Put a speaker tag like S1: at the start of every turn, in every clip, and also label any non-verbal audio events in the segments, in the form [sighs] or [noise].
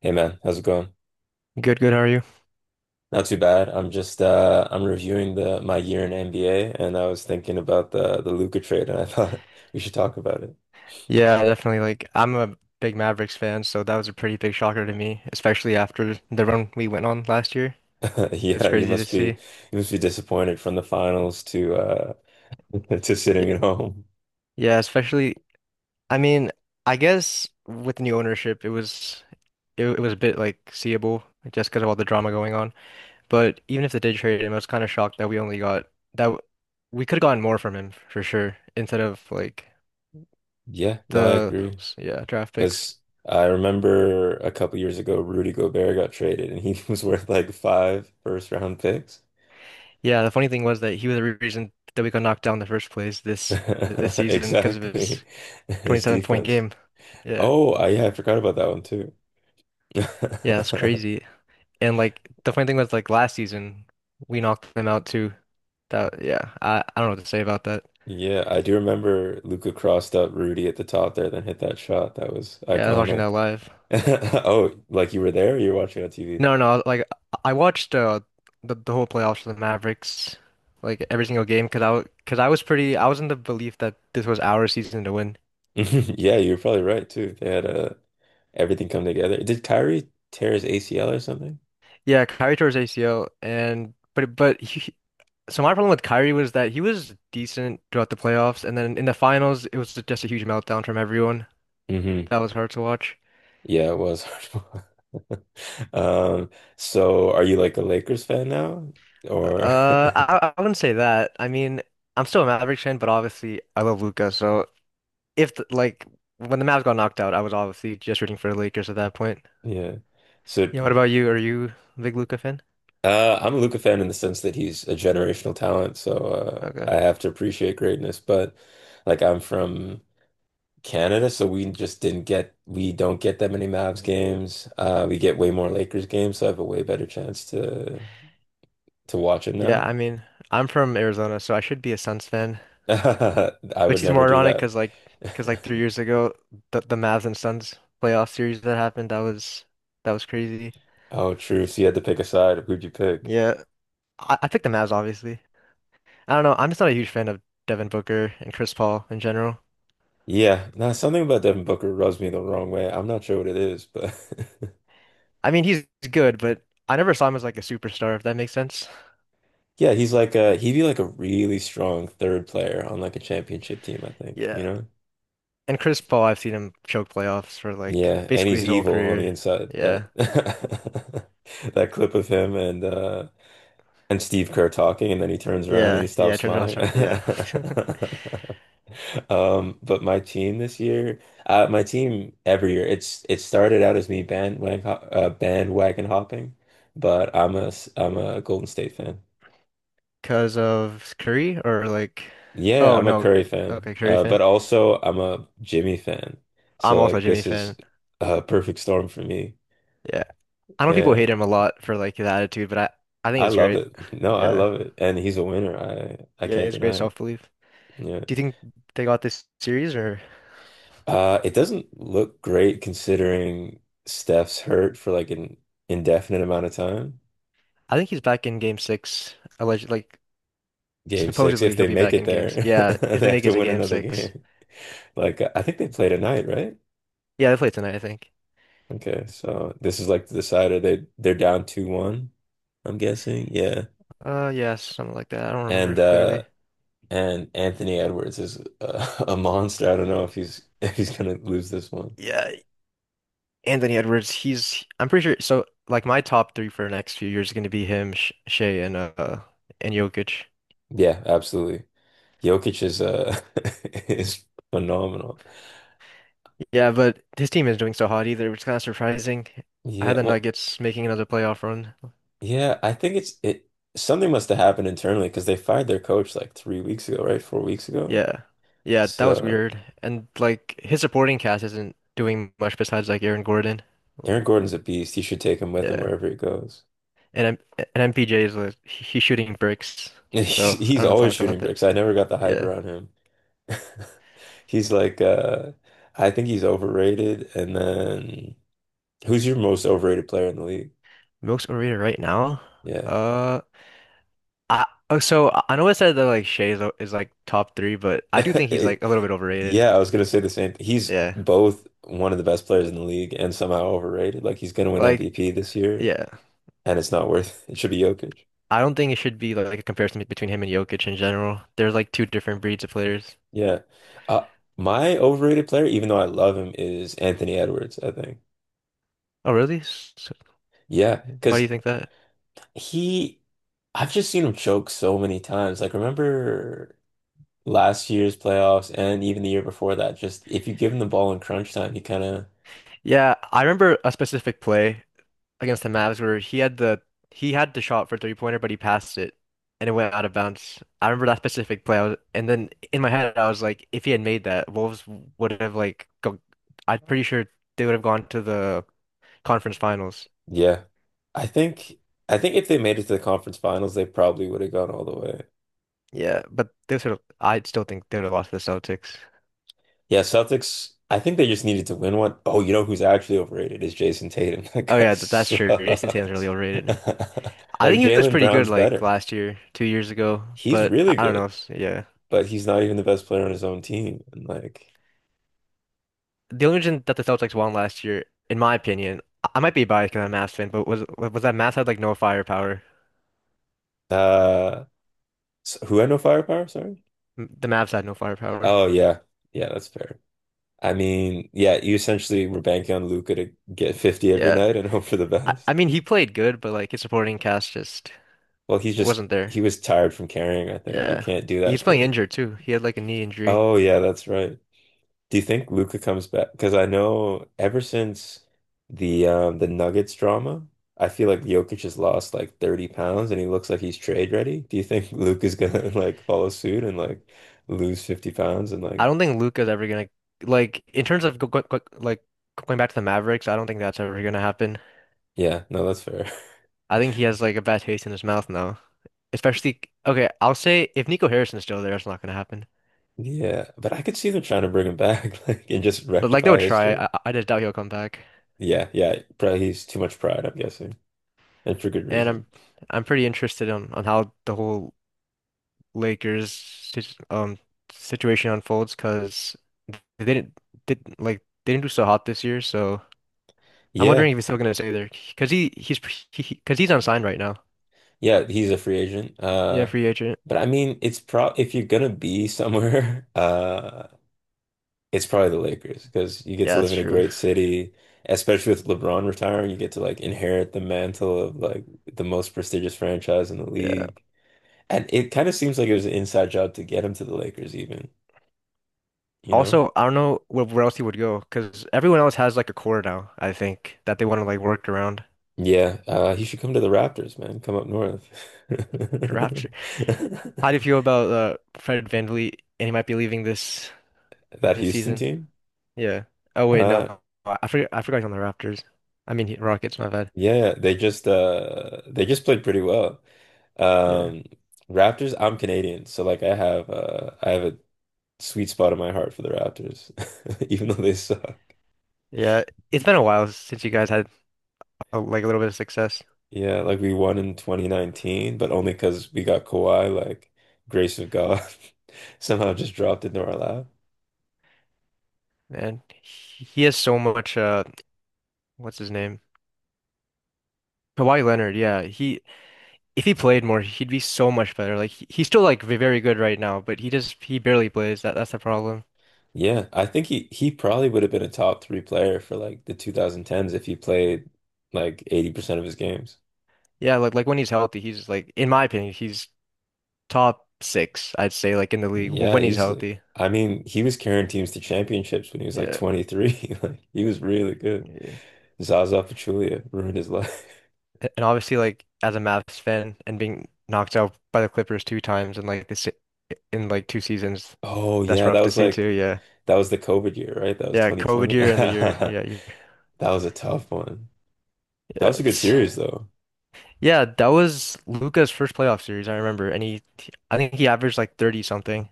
S1: Hey man, how's it going?
S2: Good, good. How are you?
S1: Not too bad. I'm just I'm reviewing the my year in NBA and I was thinking about the Luka trade and I thought [laughs] we should talk about it.
S2: Yeah, definitely. I'm a big Mavericks fan, so that was a pretty big shocker to me, especially after the run we went on last year.
S1: [laughs]
S2: It was
S1: Yeah,
S2: crazy to see.
S1: you must be disappointed from the finals to [laughs] to
S2: Y-
S1: sitting at home.
S2: Yeah, especially, I mean, I guess with the new ownership, it was a bit like seeable like, just because of all the drama going on. But even if they did trade him, I was kind of shocked that we only got that w- we could have gotten more from him for sure instead of like
S1: Yeah, no, I
S2: the
S1: agree.
S2: yeah, draft picks.
S1: Because I remember a couple years ago Rudy Gobert got traded and he [laughs] was worth like five first round picks.
S2: Yeah, the funny thing was that he was the reason that we got knocked down in the first place this
S1: [laughs]
S2: season because of
S1: Exactly.
S2: his
S1: [laughs] His
S2: 27 point
S1: defense.
S2: game. Yeah.
S1: Oh, I, yeah, I forgot about that one too.
S2: Yeah, it's
S1: [laughs]
S2: crazy. And like the funny thing was like last season we knocked them out too. That yeah, I don't know what to say about that.
S1: Yeah, I do remember Luca crossed up Rudy at the top there, then hit that shot. That was
S2: Yeah, I was watching that
S1: iconic.
S2: live.
S1: [laughs] Oh, like you were there or you were watching on TV?
S2: No, no, like I watched the whole playoffs for the Mavericks, like every single game because I cause I was pretty I was in the belief that this was our season to win.
S1: [laughs] Yeah, you're probably right too. They had everything come together. Did Kyrie tear his ACL or something?
S2: Yeah, Kyrie tore his ACL and but he, so my problem with Kyrie was that he was decent throughout the playoffs, and then in the finals, it was just a huge meltdown from everyone.
S1: hmm
S2: That was hard to watch.
S1: Yeah, it was [laughs] hard to watch. Um, so are you like a Lakers fan now? Or
S2: I wouldn't say that. I'm still a Mavericks fan, but obviously I love Luca. So if the, like when the Mavs got knocked out, I was obviously just rooting for the Lakers at that point.
S1: [laughs] yeah. So
S2: Yeah, what about you? Are you a big Luca fan?
S1: I'm a Luca fan in the sense that he's a generational talent, so
S2: Okay.
S1: I have to appreciate greatness. But like, I'm from Canada, so we just didn't get we don't get that many Mavs games. We get way more Lakers games, so I have a way better chance to watch it
S2: Yeah,
S1: now.
S2: I'm from Arizona, so I should be a Suns fan.
S1: [laughs] I would
S2: Which is
S1: never
S2: more
S1: do
S2: ironic
S1: that.
S2: because like three
S1: [laughs]
S2: years ago the Mavs and Suns playoff series that happened that was crazy.
S1: Oh, true. So you had to pick a side. Who'd you pick?
S2: Yeah, I picked the Mavs obviously. I don't know. I'm just not a huge fan of Devin Booker and Chris Paul in general.
S1: Yeah, now something about Devin Booker rubs me the wrong way. I'm not sure what it is, but [laughs]
S2: I mean, he's good, but I never saw him as like a superstar, if that makes sense.
S1: Yeah, he's like a he'd be like a really strong third player on like a championship team, I think, you
S2: Yeah,
S1: know?
S2: and Chris Paul, I've seen him choke playoffs for like
S1: Yeah, and
S2: basically
S1: he's
S2: his whole
S1: evil on the
S2: career.
S1: inside. That
S2: Yeah,
S1: [laughs] that clip of him and and Steve Kerr talking and then he turns around and
S2: yeah,
S1: he
S2: yeah.
S1: stops
S2: Turns out,
S1: smiling.
S2: start yeah. [laughs]
S1: [laughs] But my team this year, my team every year, it started out as me bandwagon bandwagon hopping, but I'm a Golden State fan.
S2: because of Curry or like,
S1: Yeah,
S2: oh
S1: I'm a
S2: no,
S1: Curry fan,
S2: okay, Curry
S1: but
S2: fan.
S1: also I'm a Jimmy fan.
S2: I'm
S1: So
S2: also a
S1: like
S2: Jimmy
S1: this is
S2: fan.
S1: a perfect storm for me.
S2: Yeah. I know people
S1: Yeah,
S2: hate him a lot for like his attitude, but I think
S1: I
S2: it's
S1: love
S2: great.
S1: it.
S2: [sighs]
S1: [laughs] No, I
S2: Yeah.
S1: love it, and he's a winner. I
S2: Yeah,
S1: can't
S2: it's great
S1: deny it.
S2: self-belief.
S1: Yeah,
S2: Do you think they got this series or
S1: it doesn't look great considering Steph's hurt for like an indefinite amount of time.
S2: I think he's back in game six. Alleged like
S1: Game six, if
S2: supposedly he'll
S1: they
S2: be
S1: make
S2: back
S1: it
S2: in
S1: there,
S2: games. Yeah,
S1: [laughs]
S2: if
S1: they
S2: they
S1: have
S2: make it
S1: to
S2: to
S1: win
S2: game
S1: another
S2: six.
S1: game. [laughs] Like I think they play tonight, right?
S2: Yeah, they play tonight, I think.
S1: Okay, so this is like the decider. They're down 2-1. I'm guessing. Yeah.
S2: Yeah, something like that. I don't
S1: And
S2: remember
S1: uh
S2: clearly.
S1: and Anthony Edwards is a [laughs] a monster. I don't know if he's [laughs] if he's gonna lose this one.
S2: Yeah, Anthony Edwards, he's I'm pretty sure so like my top three for the next few years is gonna be him, Sh Shea and Jokic.
S1: Yeah, absolutely. Jokic is [laughs] is phenomenal.
S2: Yeah, but his team is doing so hot either, which is kind of surprising. I had
S1: Yeah,
S2: the
S1: well,
S2: Nuggets making another playoff run.
S1: yeah, I think it's it something must have happened internally because they fired their coach like 3 weeks ago, right? 4 weeks ago.
S2: Yeah. Yeah, that was
S1: So
S2: weird. And like his supporting cast isn't doing much besides like Aaron Gordon.
S1: Aaron Gordon's a beast. He should take him with him
S2: Yeah.
S1: wherever he goes.
S2: And MPJ is like he's shooting bricks.
S1: [laughs] He's,
S2: So I
S1: he's
S2: don't know
S1: always
S2: talk about
S1: shooting
S2: that.
S1: bricks. I never got the hype
S2: Yeah.
S1: around him. [laughs] He's like I think he's overrated and then Who's your most overrated player in the league?
S2: Most overrated right now?
S1: Yeah.
S2: Uh I know I said that like Shea is like top three, but
S1: [laughs]
S2: I do think he's like
S1: It-
S2: a little bit overrated.
S1: yeah, I was gonna say the same thing. He's
S2: Yeah.
S1: both one of the best players in the league and somehow overrated. Like he's gonna win
S2: Like
S1: MVP this year,
S2: yeah.
S1: and it's not worth [laughs] it. Should be Jokic.
S2: I don't think it should be like a comparison between him and Jokic in general. They're like two different breeds of players.
S1: Yeah. Uh, my overrated player, even though I love him, is Anthony Edwards, I think.
S2: Oh, really? So,
S1: Yeah,
S2: why do you
S1: because
S2: think that?
S1: he, I've just seen him choke so many times. Like, remember last year's playoffs and even the year before that, just if you give him the ball in crunch time, he kind of
S2: Yeah, I remember a specific play against the Mavs where he had the shot for three pointer, but he passed it and it went out of bounds. I remember that specific play. I was, and then in my head, I was like, if he had made that, Wolves would have like go, I'm pretty sure they would have gone to the conference finals.
S1: Yeah. I think I think if they made it to the conference finals, they probably would have gone all the way.
S2: Yeah, but they sort of I still think they would have lost to the Celtics.
S1: Yeah, Celtics, I think they just needed to win one. Oh, you know who's actually overrated is Jason Tatum. [laughs] That
S2: Oh
S1: guy
S2: yeah, that's true. Jason Tatum's
S1: sucks.
S2: really overrated.
S1: [laughs]
S2: I
S1: Like
S2: think he was
S1: Jalen
S2: pretty good
S1: Brown's
S2: like
S1: better.
S2: last year, 2 years ago,
S1: He's
S2: but
S1: really
S2: I don't know.
S1: good,
S2: S- Yeah.
S1: but he's not even the best player on his own team. And like
S2: The only reason that the Celtics won last year, in my opinion, I might be biased because I'm a Mavs fan, but was that Mavs had like no firepower.
S1: uh who had no firepower, sorry?
S2: The Mavs had no firepower.
S1: Oh yeah. Yeah, that's fair. I mean, yeah, you essentially were banking on Luca to get 50 every
S2: Yeah.
S1: night and [laughs] hope for the
S2: I
S1: best.
S2: mean, he played good, but like his supporting cast just
S1: Well,
S2: wasn't there.
S1: he was tired from carrying, I think. You
S2: Yeah.
S1: can't do
S2: He
S1: that
S2: was playing
S1: for
S2: injured too. He had like a knee injury.
S1: Oh yeah, that's right. Do you think Luca comes back? Because I know ever since the Nuggets drama, I feel like Jokic has lost like 30 pounds and he looks like he's trade ready. Do you think Luca's gonna [laughs] like follow suit and like lose 50 pounds and like
S2: I don't think Luka's ever gonna like in terms of like going back to the Mavericks, I don't think that's ever gonna happen.
S1: yeah, no, that's fair. [laughs]
S2: I think he has like a bad taste in his mouth now. Especially, okay, I'll say if Nico Harrison's still there, it's not gonna happen.
S1: Yeah, but I could see them trying to bring him back [laughs] like and just
S2: But like they
S1: rectify
S2: would try.
S1: history.
S2: I just doubt he'll come back.
S1: Yeah, yeah, probably he's too much pride, I'm guessing, and for good
S2: And I'm
S1: reason.
S2: I'm pretty interested on how the whole Lakers situation unfolds because they didn't did like they didn't do so hot this year. So I'm
S1: Yeah.
S2: wondering if he's still gonna stay there because he he's because he's unsigned right now.
S1: Yeah, he's a free agent.
S2: Yeah,
S1: Uh,
S2: free agent.
S1: but I mean, it's pro if you're gonna be somewhere, [laughs] it's probably the Lakers because you get
S2: Yeah,
S1: to live
S2: that's
S1: in a
S2: true.
S1: great city, especially with LeBron retiring, you get to like inherit the mantle of like the most prestigious franchise in the
S2: Yeah.
S1: league. And it kind of seems like it was an inside job to get him to the Lakers even, you know?
S2: Also, I don't know where else he would go because everyone else has like a core now, I think, that they want to like work around.
S1: Yeah, he should come to the Raptors, man. Come up north.
S2: Draft how do you
S1: [laughs]
S2: feel about Fred VanVleet and he might be leaving this
S1: That
S2: this
S1: Houston
S2: season?
S1: team?
S2: Yeah. Oh wait, no.
S1: Uh,
S2: I forgot he's on the Raptors. I mean he- Rockets, my bad.
S1: Yeah, they just played pretty well.
S2: Yeah.
S1: Um Raptors, I'm Canadian, so like I have a sweet spot in my heart for the Raptors, [laughs] even though they suck.
S2: Yeah. It's been a while since you guys had a, like a little bit of success.
S1: Yeah, like we won in 2019, but only because we got Kawhi, like grace of God, [laughs] somehow just dropped into our lap.
S2: Man, he has so much what's his name? Kawhi Leonard, yeah. He if he played more, he'd be so much better. Like he's still like very good right now, but he just he barely plays. That's the problem.
S1: Yeah, I think he probably would have been a top three player for like the 2010s if he played like 80% of his games.
S2: Yeah, like when he's healthy, he's like in my opinion, he's top six, I'd say, like in the league
S1: Yeah,
S2: when he's
S1: easily.
S2: healthy.
S1: I mean, he was carrying teams to championships when he was like
S2: Yeah.
S1: 23. [laughs] Like he was really good.
S2: Yeah.
S1: Zaza Pachulia ruined his life. [laughs]
S2: And obviously, like as a Mavs fan and being knocked out by the Clippers two times in like this in like two seasons,
S1: Oh
S2: that's
S1: yeah,
S2: rough to see too. Yeah.
S1: that was the COVID year, right? That was
S2: Yeah, COVID
S1: 2020.
S2: year and the year.
S1: [laughs]
S2: Yeah, you,
S1: That was a tough one. That
S2: yeah,
S1: was a good
S2: it's
S1: series though.
S2: yeah. That was Luca's first playoff series. I remember, and he, I think he averaged like 30 something.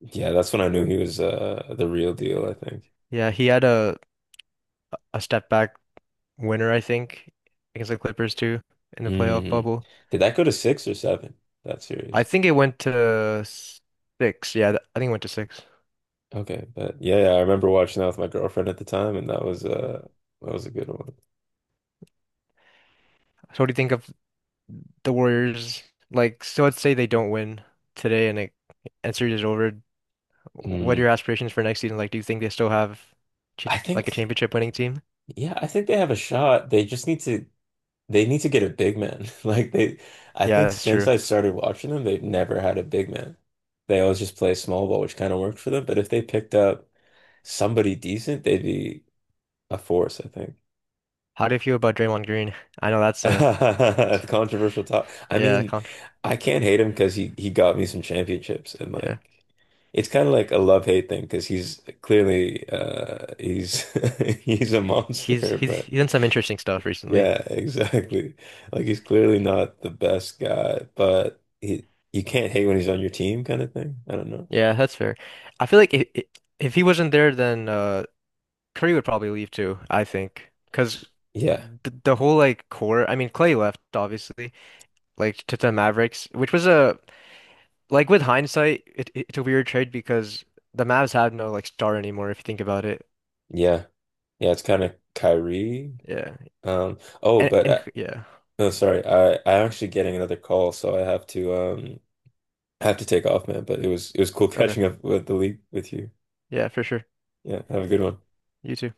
S1: Yeah, that's when I knew he was the real deal,
S2: Yeah,
S1: I think.
S2: yeah, he had a step back winner, I think, against the Clippers too in the playoff
S1: Mm.
S2: bubble.
S1: Did that go to six or seven, that
S2: I
S1: series?
S2: think it went to six. Yeah, I think it went to six.
S1: Okay, but yeah, yeah, I remember watching that with my girlfriend at the time, and that was a good one.
S2: So what do you think of the Warriors? Like, so let's say they don't win today and it and series is over. What are
S1: Mm.
S2: your aspirations for next season? Like, do you think they still have ch
S1: I
S2: like a
S1: think.
S2: championship winning team?
S1: Yeah, I think they have a shot. They need to get a big man. [laughs] Like they I
S2: Yeah,
S1: think
S2: that's
S1: since
S2: true.
S1: I started watching them, they've never had a big man. They always just play small ball, which kind of worked for them. But if they picked up somebody decent, they'd be a force, I think.
S2: How do you feel about Draymond Green? I know
S1: [laughs]
S2: that's a
S1: The Controversial talk. I
S2: yeah,
S1: mean,
S2: con
S1: I can't hate him because he got me some championships and
S2: yeah.
S1: like it's kind of like a love hate thing because he's clearly he's [laughs] he's a
S2: He's
S1: monster,
S2: he's
S1: but
S2: he's done some interesting stuff recently.
S1: Yeah, [laughs] exactly. Like he's clearly not the best guy, but he you can't hate when he's on your team kind of thing. I don't know.
S2: Yeah, that's fair. I feel like if he wasn't there, then. Curry would probably leave too, I think, because
S1: Yeah.
S2: the whole like core. I mean, Clay left obviously, like to the Mavericks, which was a like with hindsight, it's a weird trade because the Mavs have no like star anymore if you think about it.
S1: Yeah. Yeah, it's kind of Kyrie.
S2: Yeah,
S1: Oh,
S2: and
S1: but
S2: and yeah,
S1: no, sorry. I'm actually getting another call, so I have to take off, man, but it was cool [laughs]
S2: okay,
S1: catching up with the league with you.
S2: yeah, for sure.
S1: Yeah, have a good one.
S2: You too.